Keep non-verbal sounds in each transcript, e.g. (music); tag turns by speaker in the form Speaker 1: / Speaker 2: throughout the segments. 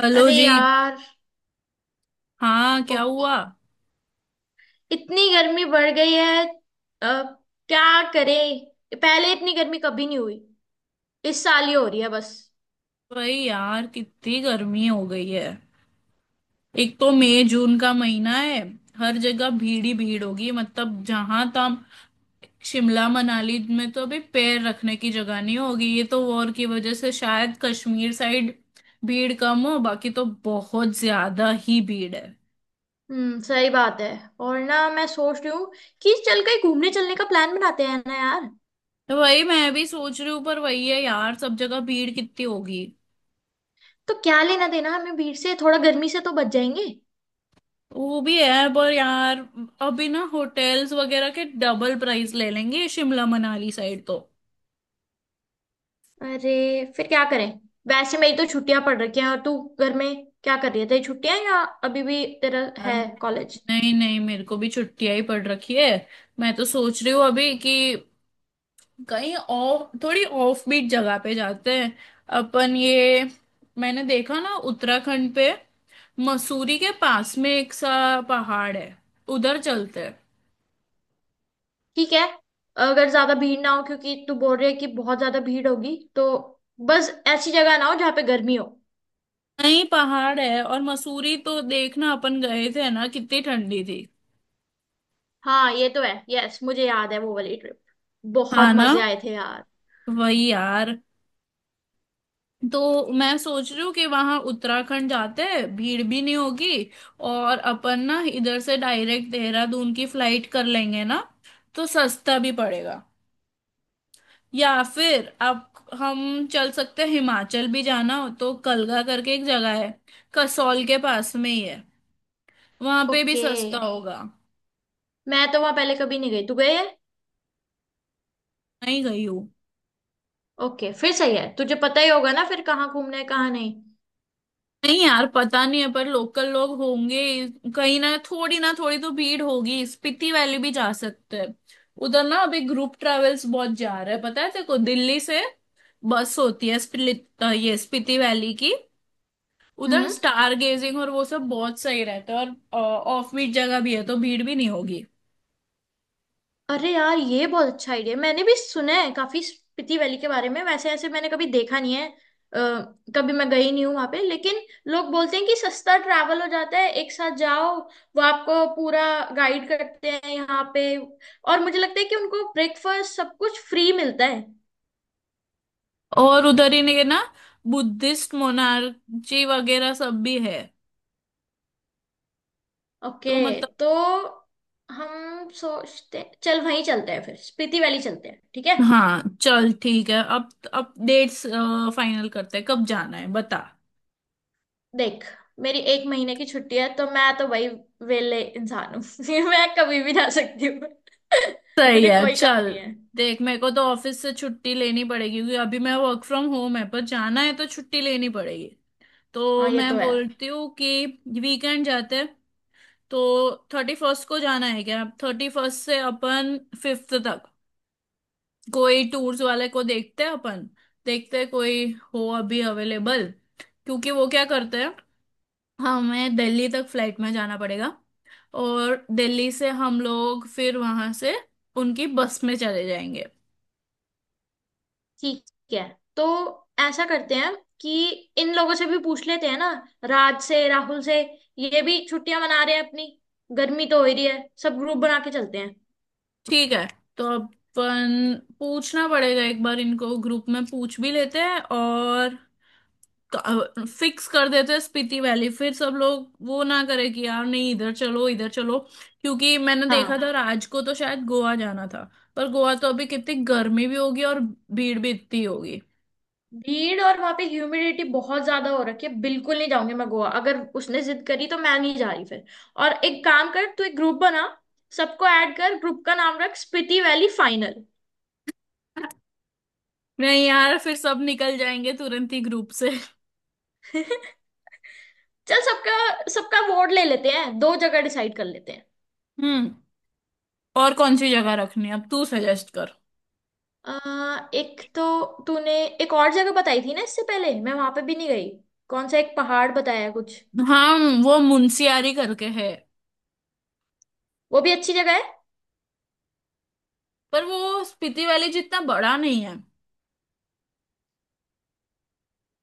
Speaker 1: Hello
Speaker 2: अरे
Speaker 1: जी।
Speaker 2: यार।
Speaker 1: हाँ, क्या
Speaker 2: ओह।
Speaker 1: हुआ?
Speaker 2: इतनी गर्मी बढ़ गई है। अ, क्या करें। पहले इतनी गर्मी कभी नहीं हुई। इस साल ही हो रही है बस।
Speaker 1: भाई यार, कितनी गर्मी हो गई है। एक तो मई जून का महीना है, हर जगह भीड़ ही भीड़ होगी। मतलब जहां तक शिमला मनाली में तो अभी पैर रखने की जगह नहीं होगी। ये तो वॉर की वजह से शायद कश्मीर साइड भीड़ कम हो, बाकी तो बहुत ज्यादा ही भीड़ है।
Speaker 2: हम्म, सही बात है। और ना मैं सोच रही हूँ कि चल कहीं घूमने चलने का प्लान बनाते हैं ना यार।
Speaker 1: तो वही मैं भी सोच रही हूँ, पर वही है यार, सब जगह भीड़ कितनी होगी।
Speaker 2: तो क्या लेना देना हमें भीड़ से। थोड़ा गर्मी से तो बच जाएंगे।
Speaker 1: वो भी है पर यार, अभी ना होटल्स वगैरह के डबल प्राइस ले लेंगे शिमला मनाली साइड तो।
Speaker 2: अरे फिर क्या करें। वैसे मेरी तो छुट्टियां पड़ रखी हैं। और तू घर में क्या कर रही है? तेरी छुट्टियां या अभी भी तेरा
Speaker 1: यार
Speaker 2: है कॉलेज?
Speaker 1: नहीं नहीं, मेरे को भी छुट्टियां ही पड़ रखी है। मैं तो सोच रही हूँ अभी कि कहीं ऑफ, थोड़ी ऑफ बीट जगह पे जाते हैं अपन। ये मैंने देखा ना उत्तराखंड पे, मसूरी के पास में एक सा पहाड़ है, उधर चलते हैं।
Speaker 2: ठीक है। अगर ज्यादा भीड़ ना हो क्योंकि तू बोल रही है कि बहुत ज्यादा भीड़ होगी तो बस ऐसी जगह ना हो जहाँ पे गर्मी हो।
Speaker 1: नहीं, पहाड़ है। और मसूरी तो देखना, अपन गए थे ना, कितनी ठंडी थी।
Speaker 2: हाँ ये तो है। यस मुझे याद है वो वाली ट्रिप। बहुत
Speaker 1: हाँ ना,
Speaker 2: मजे आए थे यार।
Speaker 1: वही यार। तो मैं सोच रही हूँ कि वहां उत्तराखंड जाते हैं, भीड़ भी नहीं होगी। और अपन ना इधर से डायरेक्ट देहरादून की फ्लाइट कर लेंगे ना, तो सस्ता भी पड़ेगा। या फिर आप, हम चल सकते हैं हिमाचल भी। जाना हो तो कलगा करके एक जगह है, कसौल के पास में ही है, वहां पे भी
Speaker 2: ओके।
Speaker 1: सस्ता होगा।
Speaker 2: मैं तो वहां पहले कभी नहीं गई। तू गई है?
Speaker 1: नहीं गई हूँ।
Speaker 2: ओके फिर सही है। तुझे पता ही होगा ना फिर कहाँ घूमना है कहाँ नहीं।
Speaker 1: नहीं यार, पता नहीं है, पर लोकल लोग होंगे। कहीं ना थोड़ी तो भीड़ होगी। स्पीति वैली भी जा सकते हैं। उधर ना अभी ग्रुप ट्रेवल्स बहुत जा रहे हैं, पता है तेरे को, दिल्ली से बस होती है ये स्पीति वैली की। उधर
Speaker 2: हम्म।
Speaker 1: स्टार गेजिंग और वो सब बहुत सही रहता है, और ऑफ बीट जगह भी है तो भीड़ भी नहीं होगी।
Speaker 2: अरे यार ये बहुत अच्छा आइडिया। मैंने भी सुना है काफी स्पीति वैली के बारे में। वैसे ऐसे मैंने कभी देखा नहीं है। कभी मैं गई नहीं हूँ वहां पे। लेकिन लोग बोलते हैं कि सस्ता ट्रैवल हो जाता है एक साथ जाओ। वो आपको पूरा गाइड करते हैं यहाँ पे और मुझे लगता है कि उनको ब्रेकफास्ट सब कुछ फ्री मिलता है।
Speaker 1: और उधर ही ने ना बुद्धिस्ट मोनार्ची वगैरह सब भी है।
Speaker 2: ओके।
Speaker 1: तो
Speaker 2: तो हम सोचते चल वहीं चलते हैं फिर स्पीति वैली चलते हैं ठीक है।
Speaker 1: हाँ, चल ठीक है। अब डेट्स फाइनल करते हैं, कब जाना है बता।
Speaker 2: देख मेरी एक महीने की छुट्टी है तो मैं तो वही वेले इंसान हूँ। (laughs) मैं कभी भी जा सकती हूँ। (laughs)
Speaker 1: सही
Speaker 2: मुझे
Speaker 1: है,
Speaker 2: कोई काम
Speaker 1: चल।
Speaker 2: नहीं है।
Speaker 1: देख, मेरे को तो ऑफिस से छुट्टी लेनी पड़ेगी, क्योंकि अभी मैं वर्क फ्रॉम होम है, पर जाना है तो छुट्टी लेनी पड़ेगी। तो
Speaker 2: हाँ ये तो
Speaker 1: मैं
Speaker 2: है।
Speaker 1: बोलती हूँ कि वीकेंड जाते हैं। तो 31st को जाना है क्या? 31st से अपन 5th तक, कोई टूर्स वाले को देखते हैं अपन। देखते हैं कोई हो अभी अवेलेबल, क्योंकि वो क्या करते हैं, हमें दिल्ली तक फ्लाइट में जाना पड़ेगा और दिल्ली से हम लोग फिर वहां से उनकी बस में चले जाएंगे।
Speaker 2: ठीक है तो ऐसा करते हैं कि इन लोगों से भी पूछ लेते हैं ना राज से राहुल से। ये भी छुट्टियां मना रहे हैं अपनी। गर्मी तो हो ही रही है सब ग्रुप बना के चलते हैं।
Speaker 1: ठीक है, तो अपन पूछना पड़ेगा एक बार इनको, ग्रुप में पूछ भी लेते हैं और फिक्स कर देते हैं स्पीति वैली। फिर सब लोग वो ना करे कि यार नहीं, इधर चलो इधर चलो। क्योंकि मैंने देखा
Speaker 2: हाँ।
Speaker 1: था, राज को तो शायद गोवा जाना था। पर गोवा तो अभी कितनी गर्मी भी होगी और भीड़ भी इतनी होगी।
Speaker 2: भीड़ और वहां पे ह्यूमिडिटी बहुत ज्यादा हो रखी है। बिल्कुल नहीं जाऊंगी मैं गोवा। अगर उसने जिद करी तो मैं नहीं जा रही फिर। और एक काम कर तू एक ग्रुप बना। सबको ऐड कर। ग्रुप का नाम रख स्पीति वैली फाइनल।
Speaker 1: नहीं यार, फिर सब निकल जाएंगे तुरंत ही ग्रुप से।
Speaker 2: (laughs) चल सबका सबका वोट ले लेते हैं। दो जगह डिसाइड कर लेते हैं।
Speaker 1: हम्म, और कौन सी जगह रखनी है अब तू सजेस्ट कर।
Speaker 2: एक तो तूने एक और जगह बताई थी ना इससे पहले। मैं वहां पे भी नहीं गई। कौन सा एक पहाड़ बताया है कुछ?
Speaker 1: हाँ, वो मुंशियारी करके है।
Speaker 2: वो भी अच्छी जगह है।
Speaker 1: पर वो स्पीति वैली जितना बड़ा नहीं है।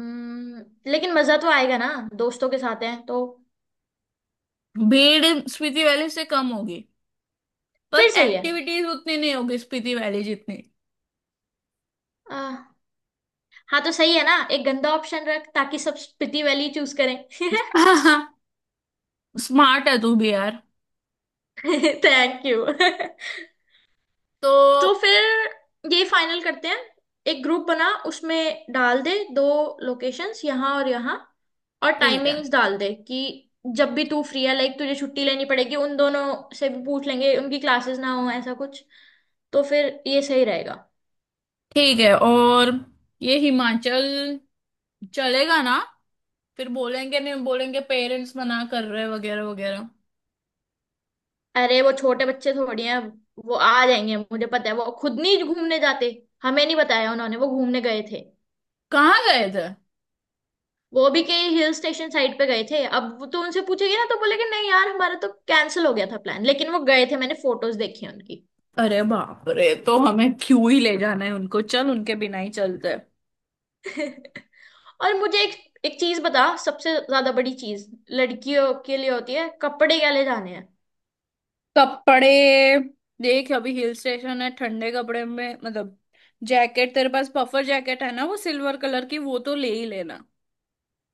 Speaker 2: हम्म, लेकिन मजा तो आएगा ना दोस्तों के साथ हैं तो।
Speaker 1: भीड़ स्पीति वैली से कम होगी, पर
Speaker 2: फिर सही है।
Speaker 1: एक्टिविटीज उतनी नहीं होगी स्पीति वैली जितनी।
Speaker 2: आ, हाँ तो सही है ना एक गंदा ऑप्शन रख ताकि सब स्पीति वैली चूज करें। (laughs)
Speaker 1: (laughs) स्मार्ट है तू भी यार।
Speaker 2: Thank you. (laughs)
Speaker 1: तो
Speaker 2: तो फिर ये फाइनल करते हैं। एक ग्रुप बना उसमें डाल दे दो लोकेशंस यहाँ और यहाँ। और
Speaker 1: ठीक है।
Speaker 2: टाइमिंग्स डाल दे कि जब भी तू फ्री है लाइक तुझे छुट्टी लेनी पड़ेगी। उन दोनों से भी पूछ लेंगे उनकी क्लासेस ना हो ऐसा कुछ। तो फिर ये सही रहेगा।
Speaker 1: ठीक है। और ये हिमाचल चलेगा ना? फिर बोलेंगे, नहीं बोलेंगे पेरेंट्स मना कर रहे वगैरह वगैरह।
Speaker 2: अरे वो छोटे बच्चे थोड़ी हैं। वो आ जाएंगे। मुझे पता है वो खुद नहीं घूमने जाते। हमें नहीं बताया उन्होंने वो घूमने गए थे।
Speaker 1: कहाँ गए थे?
Speaker 2: वो भी कहीं हिल स्टेशन साइड पे गए थे। अब वो तो उनसे पूछेगी ना तो बोलेंगे नहीं यार हमारा तो कैंसिल हो गया था प्लान। लेकिन वो गए थे मैंने फोटोज देखी हैं उनकी।
Speaker 1: अरे बाप रे, तो हमें क्यों ही ले जाना है उनको, चल उनके बिना ही चलते हैं।
Speaker 2: (laughs) और मुझे एक एक चीज बता। सबसे ज्यादा बड़ी चीज लड़कियों के लिए होती है कपड़े। क्या ले जाने हैं?
Speaker 1: कपड़े? देख, अभी हिल स्टेशन है, ठंडे कपड़े। में मतलब जैकेट, तेरे पास पफर जैकेट है ना वो सिल्वर कलर की, वो तो ले ही लेना।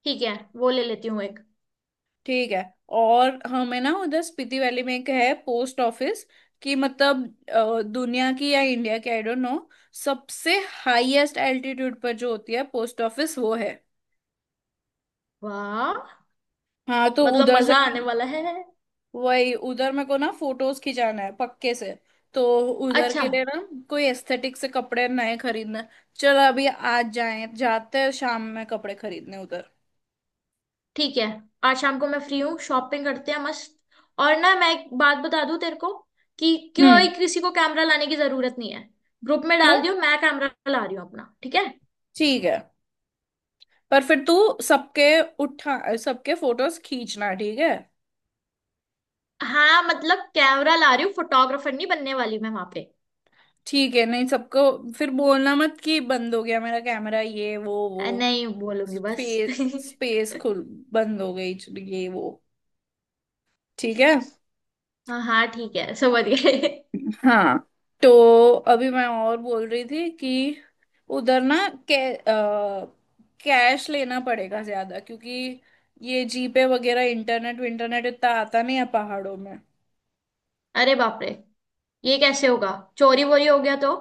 Speaker 2: ठीक है। वो ले लेती हूँ एक।
Speaker 1: ठीक है। और हमें ना उधर स्पीति वैली में एक है पोस्ट ऑफिस, कि मतलब दुनिया की या इंडिया की, आई डोंट नो, सबसे हाईएस्ट एल्टीट्यूड पर जो होती है पोस्ट ऑफिस, वो है।
Speaker 2: वाह।
Speaker 1: हाँ, तो
Speaker 2: मतलब
Speaker 1: उधर से,
Speaker 2: मजा आने वाला है।
Speaker 1: वही उधर मेरे को ना फोटोज खिंचाना है पक्के से। तो उधर
Speaker 2: अच्छा।
Speaker 1: के लिए ना कोई एस्थेटिक से कपड़े नए खरीदना है। चल अभी आज जाए, जाते हैं शाम में कपड़े खरीदने उधर।
Speaker 2: ठीक है आज शाम को मैं फ्री हूँ शॉपिंग करते हैं मस्त। और ना मैं एक बात बता दूँ तेरे को कि कोई
Speaker 1: हम्म।
Speaker 2: किसी को कैमरा लाने की जरूरत नहीं है। ग्रुप में
Speaker 1: क्यों?
Speaker 2: डाल दियो मैं कैमरा ला रही हूँ अपना ठीक है।
Speaker 1: ठीक है, पर फिर तू सबके, उठा, सबके फोटोज खींचना ठीक है?
Speaker 2: हाँ मतलब कैमरा ला रही हूँ। फोटोग्राफर नहीं बनने वाली मैं वहां पे।
Speaker 1: ठीक है, नहीं सबको। फिर बोलना मत कि बंद हो गया मेरा कैमरा, ये वो वो
Speaker 2: नहीं बोलूंगी बस।
Speaker 1: फेस
Speaker 2: (laughs)
Speaker 1: स्पेस खुल, बंद हो गई, ये वो, ठीक है।
Speaker 2: हाँ हाँ ठीक है समझ गए।
Speaker 1: हाँ, तो अभी मैं और बोल रही थी कि उधर ना कै, कैश लेना पड़ेगा ज्यादा, क्योंकि ये जीपे वगैरह, इंटरनेट विंटरनेट इतना आता नहीं है पहाड़ों में।
Speaker 2: (laughs) अरे बाप रे ये कैसे होगा? चोरी वोरी हो गया तो?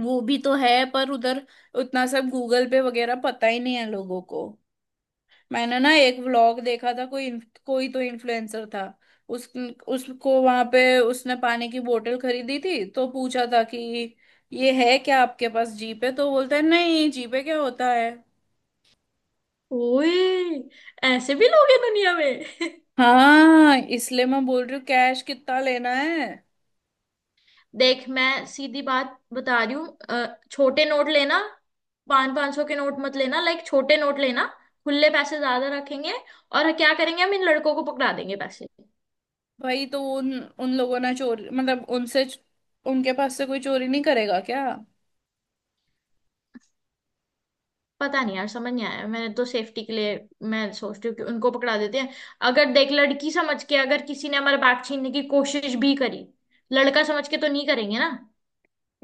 Speaker 1: वो भी तो है पर उधर उतना सब गूगल पे वगैरह पता ही नहीं है लोगों को। मैंने ना एक व्लॉग देखा था, कोई कोई तो इन्फ्लुएंसर था, उस उसको वहां पे, उसने पानी की बोतल खरीदी थी तो पूछा था कि ये है क्या आपके पास जीपे, तो बोलता है नहीं, जीपे क्या होता है।
Speaker 2: ओए ऐसे भी लोग हैं दुनिया में। (laughs)
Speaker 1: हाँ, इसलिए मैं बोल रही हूँ कैश कितना लेना है।
Speaker 2: देख मैं सीधी बात बता रही हूँ। छोटे नोट लेना। पाँच 500 के नोट मत लेना। लाइक छोटे नोट लेना। खुले पैसे ज्यादा रखेंगे। और क्या करेंगे हम इन लड़कों को पकड़ा देंगे पैसे।
Speaker 1: भाई, तो उन उन लोगों ने चोरी, मतलब उनसे, उनके पास से कोई चोरी नहीं करेगा क्या?
Speaker 2: पता नहीं यार समझ नहीं आया। मैंने तो सेफ्टी के लिए मैं सोचती हूँ कि उनको पकड़ा देते हैं। अगर देख लड़की समझ के अगर किसी ने हमारा बैग छीनने की कोशिश भी करी लड़का समझ के तो नहीं करेंगे ना।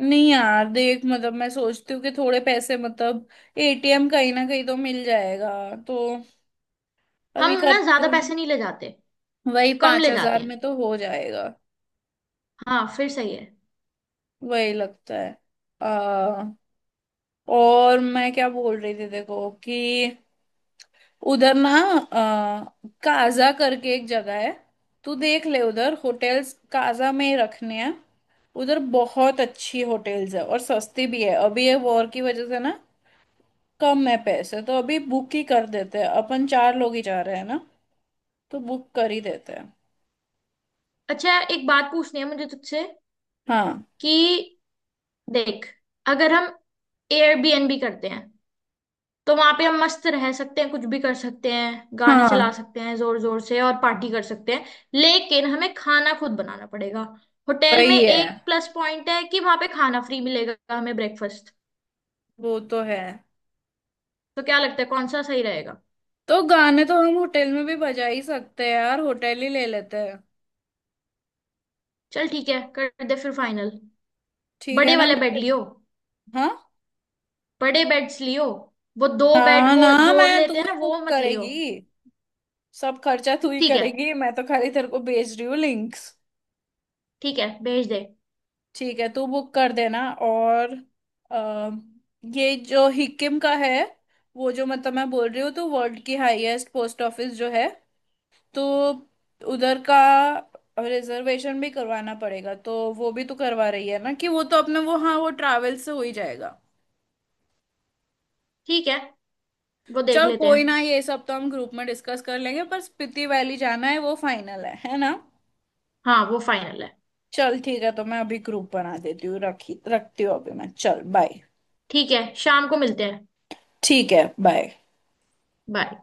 Speaker 1: नहीं यार देख, मतलब मैं सोचती हूँ कि थोड़े पैसे, मतलब एटीएम कहीं ना कहीं तो मिल जाएगा। तो
Speaker 2: हम
Speaker 1: अभी
Speaker 2: ना
Speaker 1: करते,
Speaker 2: ज्यादा पैसे नहीं ले जाते।
Speaker 1: वही
Speaker 2: कम
Speaker 1: पांच
Speaker 2: ले जाते
Speaker 1: हजार
Speaker 2: हैं।
Speaker 1: में तो हो जाएगा।
Speaker 2: हाँ फिर सही है।
Speaker 1: वही लगता है। आ, और मैं क्या बोल रही थी, देखो कि उधर ना काजा करके एक जगह है, तू देख ले उधर होटल्स, काजा में ही रखने हैं। उधर बहुत अच्छी होटल्स है और सस्ती भी है, अभी ये वॉर की वजह से ना कम है पैसे, तो अभी बुक ही कर देते हैं। अपन चार लोग ही जा रहे हैं ना, तो बुक कर ही देते हैं।
Speaker 2: अच्छा एक बात पूछनी है मुझे तुझसे
Speaker 1: हाँ
Speaker 2: कि देख अगर हम एयरबीएनबी करते हैं तो वहां पे हम मस्त रह सकते हैं कुछ भी कर सकते हैं गाने चला
Speaker 1: हाँ,
Speaker 2: सकते हैं जोर जोर से और पार्टी कर सकते हैं। लेकिन हमें खाना खुद बनाना पड़ेगा। होटल में
Speaker 1: वही है।
Speaker 2: एक प्लस पॉइंट है कि वहां पे खाना फ्री मिलेगा हमें ब्रेकफास्ट।
Speaker 1: वो तो है।
Speaker 2: तो क्या लगता है कौन सा सही रहेगा?
Speaker 1: तो गाने तो हम होटल में भी बजा ही सकते हैं यार, होटल ही ले लेते हैं।
Speaker 2: चल ठीक है कर दे फिर फाइनल।
Speaker 1: ठीक है
Speaker 2: बड़े
Speaker 1: ना,
Speaker 2: वाले बेड लियो।
Speaker 1: हाँ,
Speaker 2: बड़े बेड्स लियो। वो दो बेड
Speaker 1: हाँ
Speaker 2: वो
Speaker 1: ना,
Speaker 2: जोड़
Speaker 1: मैं,
Speaker 2: लेते
Speaker 1: तू
Speaker 2: हैं ना
Speaker 1: ही बुक
Speaker 2: वो मत लियो।
Speaker 1: करेगी, सब खर्चा तू ही
Speaker 2: ठीक है।
Speaker 1: करेगी, मैं तो खाली तेरे को भेज रही हूँ लिंक्स।
Speaker 2: ठीक है भेज दे।
Speaker 1: ठीक है तू बुक कर देना। और अ, ये जो हिकिम का है, वो जो, मतलब मैं बोल रही हूँ तो वर्ल्ड की हाईएस्ट पोस्ट ऑफिस जो है, तो उधर का रिजर्वेशन भी करवाना पड़ेगा। तो वो भी तो करवा रही है ना, कि वो तो अपने वो, हाँ वो ट्रैवल से हो ही जाएगा।
Speaker 2: ठीक है वो देख
Speaker 1: चल
Speaker 2: लेते
Speaker 1: कोई ना,
Speaker 2: हैं।
Speaker 1: ये सब तो हम ग्रुप में डिस्कस कर लेंगे, पर स्पीति वैली जाना है, वो फाइनल है ना?
Speaker 2: हाँ वो फाइनल है।
Speaker 1: चल ठीक है, तो मैं अभी ग्रुप बना देती हूँ, रखी, रखती हूँ अभी मैं, चल बाय।
Speaker 2: ठीक है शाम को मिलते हैं।
Speaker 1: ठीक है, बाय।
Speaker 2: बाय।